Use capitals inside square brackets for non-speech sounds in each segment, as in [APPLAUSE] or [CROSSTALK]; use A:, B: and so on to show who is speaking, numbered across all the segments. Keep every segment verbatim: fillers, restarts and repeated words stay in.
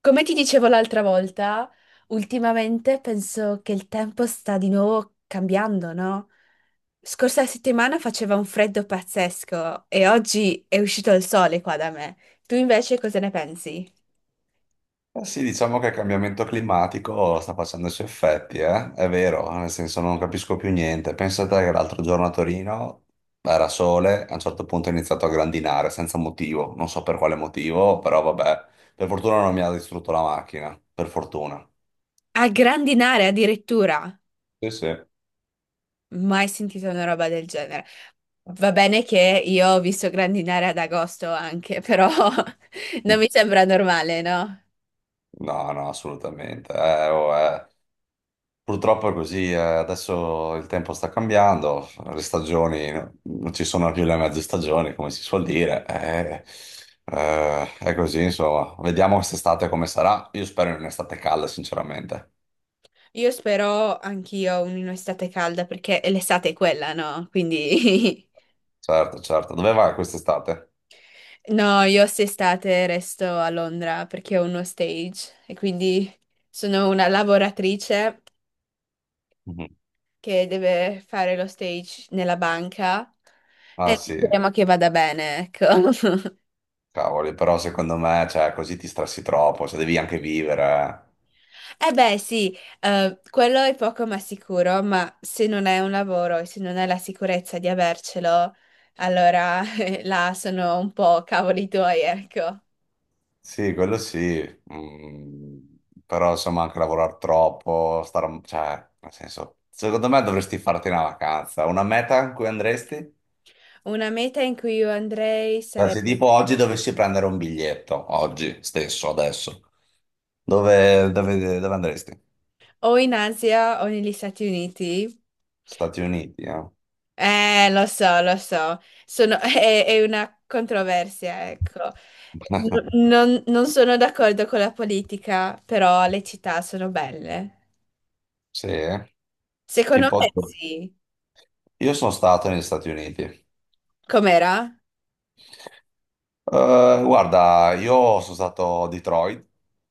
A: Come ti dicevo l'altra volta, ultimamente penso che il tempo sta di nuovo cambiando, no? Scorsa settimana faceva un freddo pazzesco e oggi è uscito il sole qua da me. Tu invece cosa ne pensi?
B: Eh sì, diciamo che il cambiamento climatico sta facendo i suoi effetti, eh? È vero, nel senso non capisco più niente. Pensate che l'altro giorno a Torino era sole, a un certo punto è iniziato a grandinare senza motivo, non so per quale motivo, però vabbè, per fortuna non mi ha distrutto la macchina, per fortuna.
A: A grandinare addirittura.
B: Sì, sì.
A: Mai sentito una roba del genere. Va bene che io ho visto grandinare ad agosto anche, però [LAUGHS] non mi
B: [LAUGHS]
A: sembra normale, no?
B: No, no, assolutamente. Eh, oh, eh. Purtroppo è così, eh, adesso il tempo sta cambiando, le stagioni non ci sono più le mezze stagioni, come si suol dire, eh, eh, è così, insomma, vediamo quest'estate come sarà, io spero in un'estate calda, sinceramente.
A: Io spero anch'io un'estate calda perché l'estate è quella, no? Quindi [LAUGHS]
B: Certo, certo, dove vai quest'estate?
A: no, io quest'estate resto a Londra perché ho uno stage e quindi sono una lavoratrice
B: Mhm.
A: che deve fare lo stage nella banca.
B: Ah sì,
A: Speriamo che vada bene, ecco. [LAUGHS]
B: cavoli, però secondo me, cioè, così ti stressi troppo, cioè, devi anche vivere, eh.
A: Eh beh, sì, eh, quello è poco ma sicuro, ma se non è un lavoro e se non è la sicurezza di avercelo, allora [LAUGHS] eh, là sono un po' cavoli tuoi, ecco.
B: Sì, quello sì. mm, Però insomma anche lavorare troppo, star- cioè, nel senso, secondo me dovresti farti una vacanza, una meta in cui andresti?
A: Una meta in cui io andrei
B: Cioè, se
A: sarebbe
B: tipo oggi dovessi prendere un biglietto, oggi stesso, adesso, dove, dove- dove andresti?
A: o in Asia o negli Stati Uniti.
B: Stati Uniti, eh?
A: Eh, lo so, lo so, Sono- [LAUGHS] è, è una controversia, ecco. N-
B: [LAUGHS]
A: non, non sono d'accordo con la politica, però le città sono belle.
B: Sì, eh?
A: Secondo
B: Tipo,
A: me sì.
B: io sono stato negli Stati Uniti.
A: Com'era?
B: Eh, guarda, io sono stato a Detroit,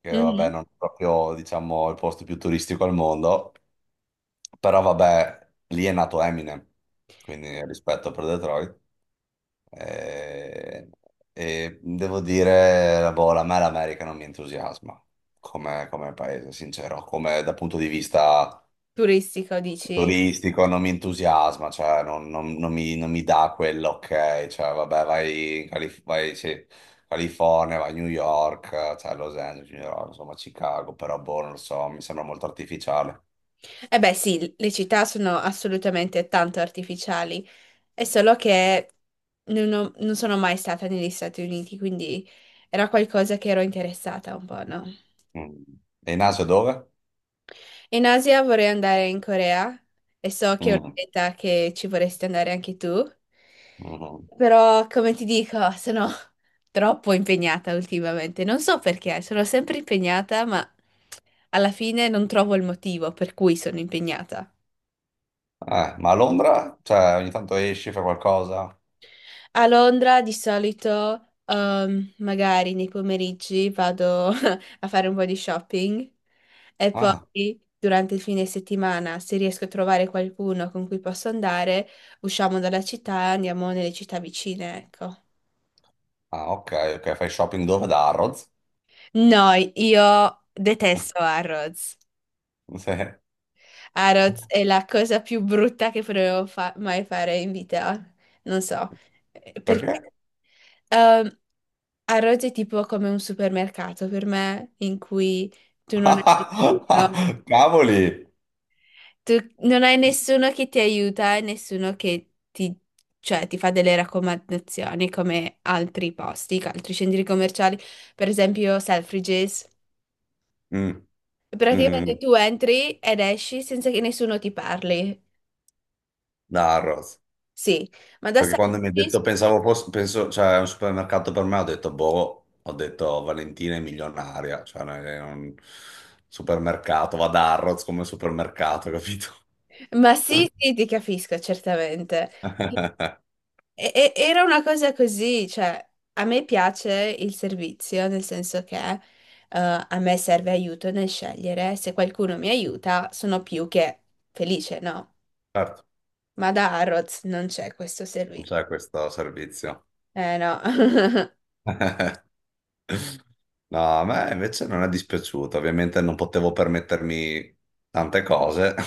B: che vabbè
A: Mhm.
B: non è proprio, diciamo, il posto più turistico al mondo, però vabbè, lì è nato Eminem, quindi rispetto per Detroit. Eh, E, devo dire, boh, a me l'America non mi entusiasma come, come paese, sincero, come dal punto di vista
A: Turistico, dici?
B: turistico non mi entusiasma, cioè non, non- non mi, non mi dà quell'ok, cioè vabbè vai in Calif- vai, sì, California, vai a New York, cioè Los Angeles, New York, insomma Chicago, però boh, non lo so, mi sembra molto artificiale.
A: Eh beh, sì, le città sono assolutamente tanto artificiali, è solo che non, ho- non sono mai stata negli Stati Uniti, quindi era qualcosa che ero interessata un po', no?
B: Mm. E in Asia dove?
A: In Asia vorrei andare in Corea e so che è una
B: Mm,
A: meta che ci vorresti andare anche tu,
B: mhm.
A: però come ti dico, sono [LAUGHS] troppo impegnata ultimamente. Non so perché, sono sempre impegnata, ma alla fine non trovo il motivo per cui sono impegnata.
B: Eh, ma a Londra? Cioè ogni tanto esci, fai qualcosa?
A: A Londra di solito, ehm, magari nei pomeriggi vado [LAUGHS] a fare un po' di shopping e
B: Ah,
A: poi durante il fine settimana, se riesco a trovare qualcuno con cui posso andare, usciamo dalla città e andiamo nelle città vicine, ecco.
B: ah, ok, ok, fai shopping dove? Da Harrods?
A: No, io detesto
B: [LAUGHS]
A: Harrods.
B: Sì.
A: Harrods è la cosa più brutta che potevo fa- mai fare in vita. Non so. eh,
B: Perché?
A: Perché? Ehm, a Rhodes è tipo come un supermercato per me, in cui tu non hai nessuno,
B: [LAUGHS] Cavoli!
A: tu non hai nessuno che ti aiuta e nessuno che ti, cioè, ti fa delle raccomandazioni come altri posti, altri centri commerciali, per esempio Selfridges.
B: Mm,
A: Praticamente
B: mhm.
A: tu entri ed esci senza che nessuno ti parli.
B: Da Harrods.
A: Sì, ma da
B: Perché quando mi ha
A: Selfridges.
B: detto pensavo fosse, penso, cioè, è un supermercato per me, ho detto boh, ho detto Valentina è milionaria, cioè non è un supermercato, va da Harrods come supermercato, capito?
A: Ma sì, sì, ti capisco, certamente.
B: [LAUGHS]
A: E- e- era una cosa così, cioè, a me piace il servizio, nel senso che eh, a me serve aiuto nel scegliere, se qualcuno mi aiuta sono più che felice, no?
B: Certo,
A: Ma da Harrods non c'è questo
B: non
A: servizio.
B: c'è questo servizio.
A: Eh no, [LAUGHS]
B: [LAUGHS] No, a me invece non è dispiaciuto, ovviamente non potevo permettermi tante cose. [LAUGHS]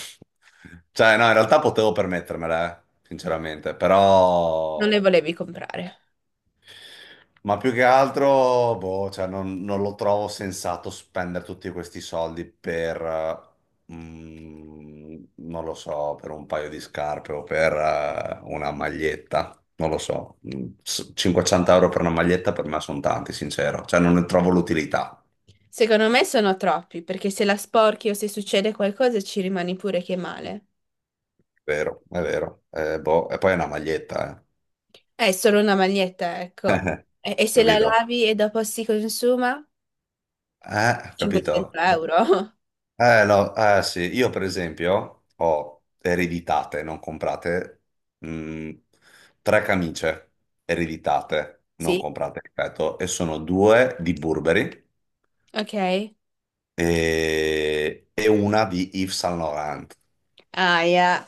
B: Cioè, no, in realtà potevo permettermele, eh, sinceramente,
A: non
B: però.
A: le volevi comprare.
B: Ma più che altro, boh, cioè non, non lo trovo sensato spendere tutti questi soldi per, eh, mm, non lo so, per un paio di scarpe o per, eh, una maglietta. Non lo so. Mm, s- cinquecento euro per una maglietta per me sono tanti, sincero. Cioè non ne trovo l'utilità.
A: Secondo me sono troppi, perché se la sporchi o se succede qualcosa ci rimani pure che male.
B: Vero, è vero. Eh, boh, e poi è una maglietta, eh,
A: È solo una maglietta, ecco. E, e se la
B: capito?
A: lavi e dopo si consuma?
B: Eh, capito?
A: cinquecento euro.
B: Eh, no, eh, sì, io per esempio ho ereditate, non comprate, mh, tre camicie ereditate,
A: [LAUGHS]
B: non
A: Sì,
B: comprate, ripeto, e sono due di Burberry
A: ok.
B: e, e una di Yves Saint Laurent.
A: Ah, yeah.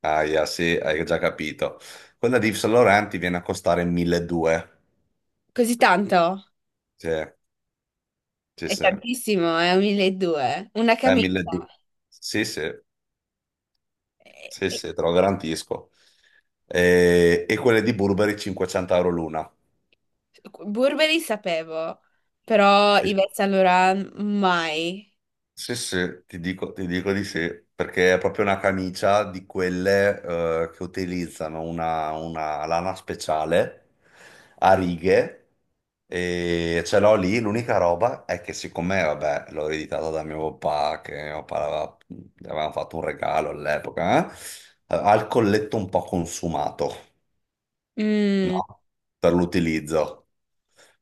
B: Ah, yeah, sì, hai già capito. Quella di Yves Saint Laurent ti viene a costare milleduecento.
A: Così tanto?
B: Sì, sì,
A: È
B: sì. Eh,
A: tantissimo, è un milleduecento. Una camicia.
B: milleduecento. Sì, sì,
A: E-
B: sì,
A: e-
B: sì, te lo garantisco. E, e quelle di Burberry cinquecento euro l'una.
A: Burberry sapevo, però Yves Saint Laurent mai.
B: Sì, sì, ti dico, ti dico di sì, perché è proprio una camicia di quelle eh, che utilizzano una, una lana speciale a righe e ce l'ho lì. L'unica roba è che siccome, vabbè, l'ho ereditata da mio papà, che mio papà aveva- gli avevamo fatto un regalo all'epoca, eh, ha il colletto un po' consumato,
A: Mm,
B: no? Per l'utilizzo.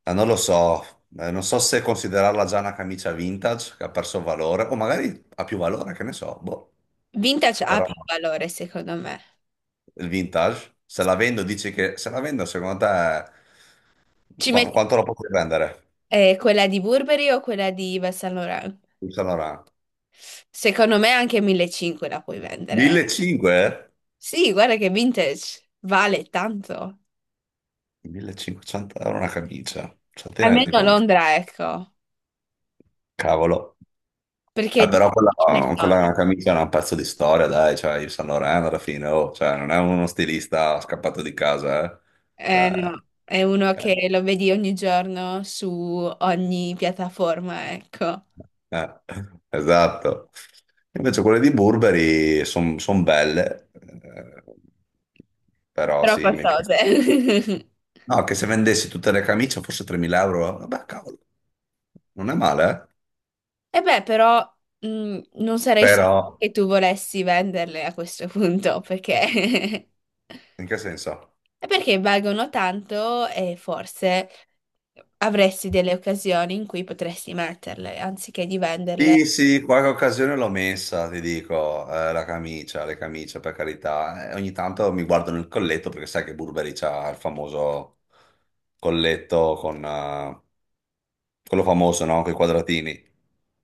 B: Eh, non lo so. Eh, non so se considerarla già una camicia vintage che ha perso valore, o magari ha più valore, che ne so, boh.
A: vintage ha
B: Però
A: più valore, secondo me.
B: il vintage, se la vendo, dici che se la vendo, secondo te,
A: Ci
B: qu-
A: metti
B: quanto la potrei vendere?
A: eh, quella di Burberry o quella di Yves Saint Laurent?
B: Il Saint Laurent.
A: Secondo me anche millecinquecento la puoi vendere.
B: millecinquecento?
A: Sì, guarda che vintage vale tanto.
B: millecinquecento euro una camicia, cioè ti rendi
A: Almeno a
B: conto?
A: Londra, ecco.
B: Cavolo.
A: Perché
B: Eh,
A: di-
B: però quella,
A: ce ne sono.
B: quella camicia è un pezzo di storia, dai, cioè il Saint Laurent alla fine, oh, cioè, non è uno stilista scappato di casa, eh.
A: Eh,
B: Cioè,
A: no, è uno
B: eh.
A: che lo vedi ogni giorno su ogni piattaforma, ecco.
B: Eh, esatto. Invece quelle di Burberry sono belle, eh, però
A: Però
B: sì, mi
A: costose.
B: piace.
A: [LAUGHS]
B: No, che se vendessi tutte le camicie forse tremila euro, vabbè, cavolo, non è male, eh?
A: E beh, però mh, non sarei sicura
B: Però,
A: che tu volessi venderle a questo punto, perché.
B: in
A: [LAUGHS]
B: che senso?
A: È perché valgono tanto e forse avresti delle occasioni in cui potresti metterle, anziché di
B: Sì,
A: venderle.
B: sì, qualche occasione l'ho messa, ti dico, eh, la camicia, le camicie, per carità. Eh, ogni tanto mi guardo nel colletto perché sai che Burberry c'ha il famoso colletto con eh, quello famoso, no? Con i quadratini.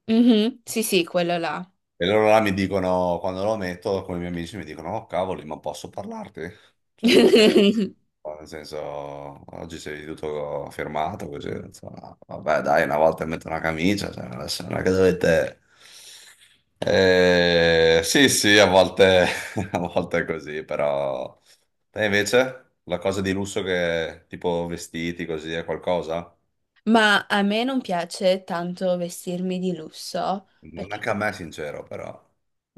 A: Mhm, sì, sì, quello là.
B: E loro là mi dicono, quando lo metto con i miei amici, mi dicono, oh cavoli, ma posso parlarti? Cioè, perché,
A: [LAUGHS]
B: nel senso, oggi sei tutto firmato, così, insomma, vabbè, dai, una volta metto una camicia, cioè, adesso non è che dovete... Eh, sì, sì, a volte, [LAUGHS] a volte è così, però... Te invece, la cosa di lusso che, tipo, vestiti, così, è qualcosa?
A: Ma a me non piace tanto vestirmi di lusso
B: Non
A: perché,
B: anche a me, sincero, però...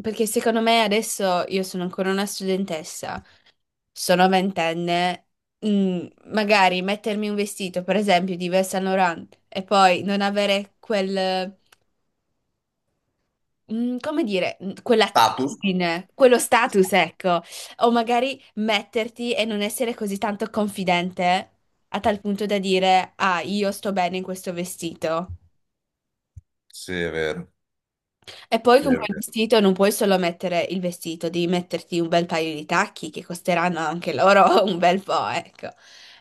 A: perché secondo me adesso io sono ancora una studentessa, sono ventenne, mm, magari mettermi un vestito, per esempio, di Yves Saint Laurent e poi non avere quel, mm, come dire, mm,
B: Status?
A: quell'attitudine, quello status, ecco, o magari metterti e non essere così tanto confidente a tal punto da dire, ah, io sto bene in questo vestito.
B: Sì, è vero.
A: E poi
B: Sì, è
A: con
B: vero.
A: quel vestito non puoi solo mettere il vestito, devi metterti un bel paio di tacchi che costeranno anche loro [LAUGHS] un bel po', ecco.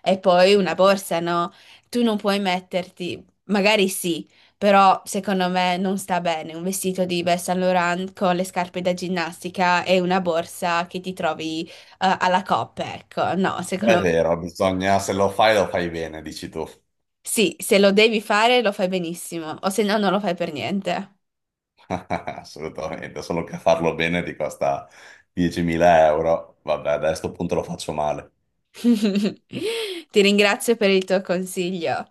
A: E poi una borsa, no? Tu non puoi metterti, magari sì, però secondo me non sta bene un vestito di Yves Saint Laurent con le scarpe da ginnastica e una borsa che ti trovi eh, alla coppa, ecco. No, secondo
B: È
A: me
B: vero, bisogna, se lo fai lo fai bene, dici tu.
A: sì, se lo devi fare lo fai benissimo, o se no non lo fai per niente.
B: [LAUGHS] Assolutamente, solo che farlo bene ti costa diecimila euro. Vabbè, da questo punto lo faccio male.
A: [LAUGHS] Ti ringrazio per il tuo consiglio.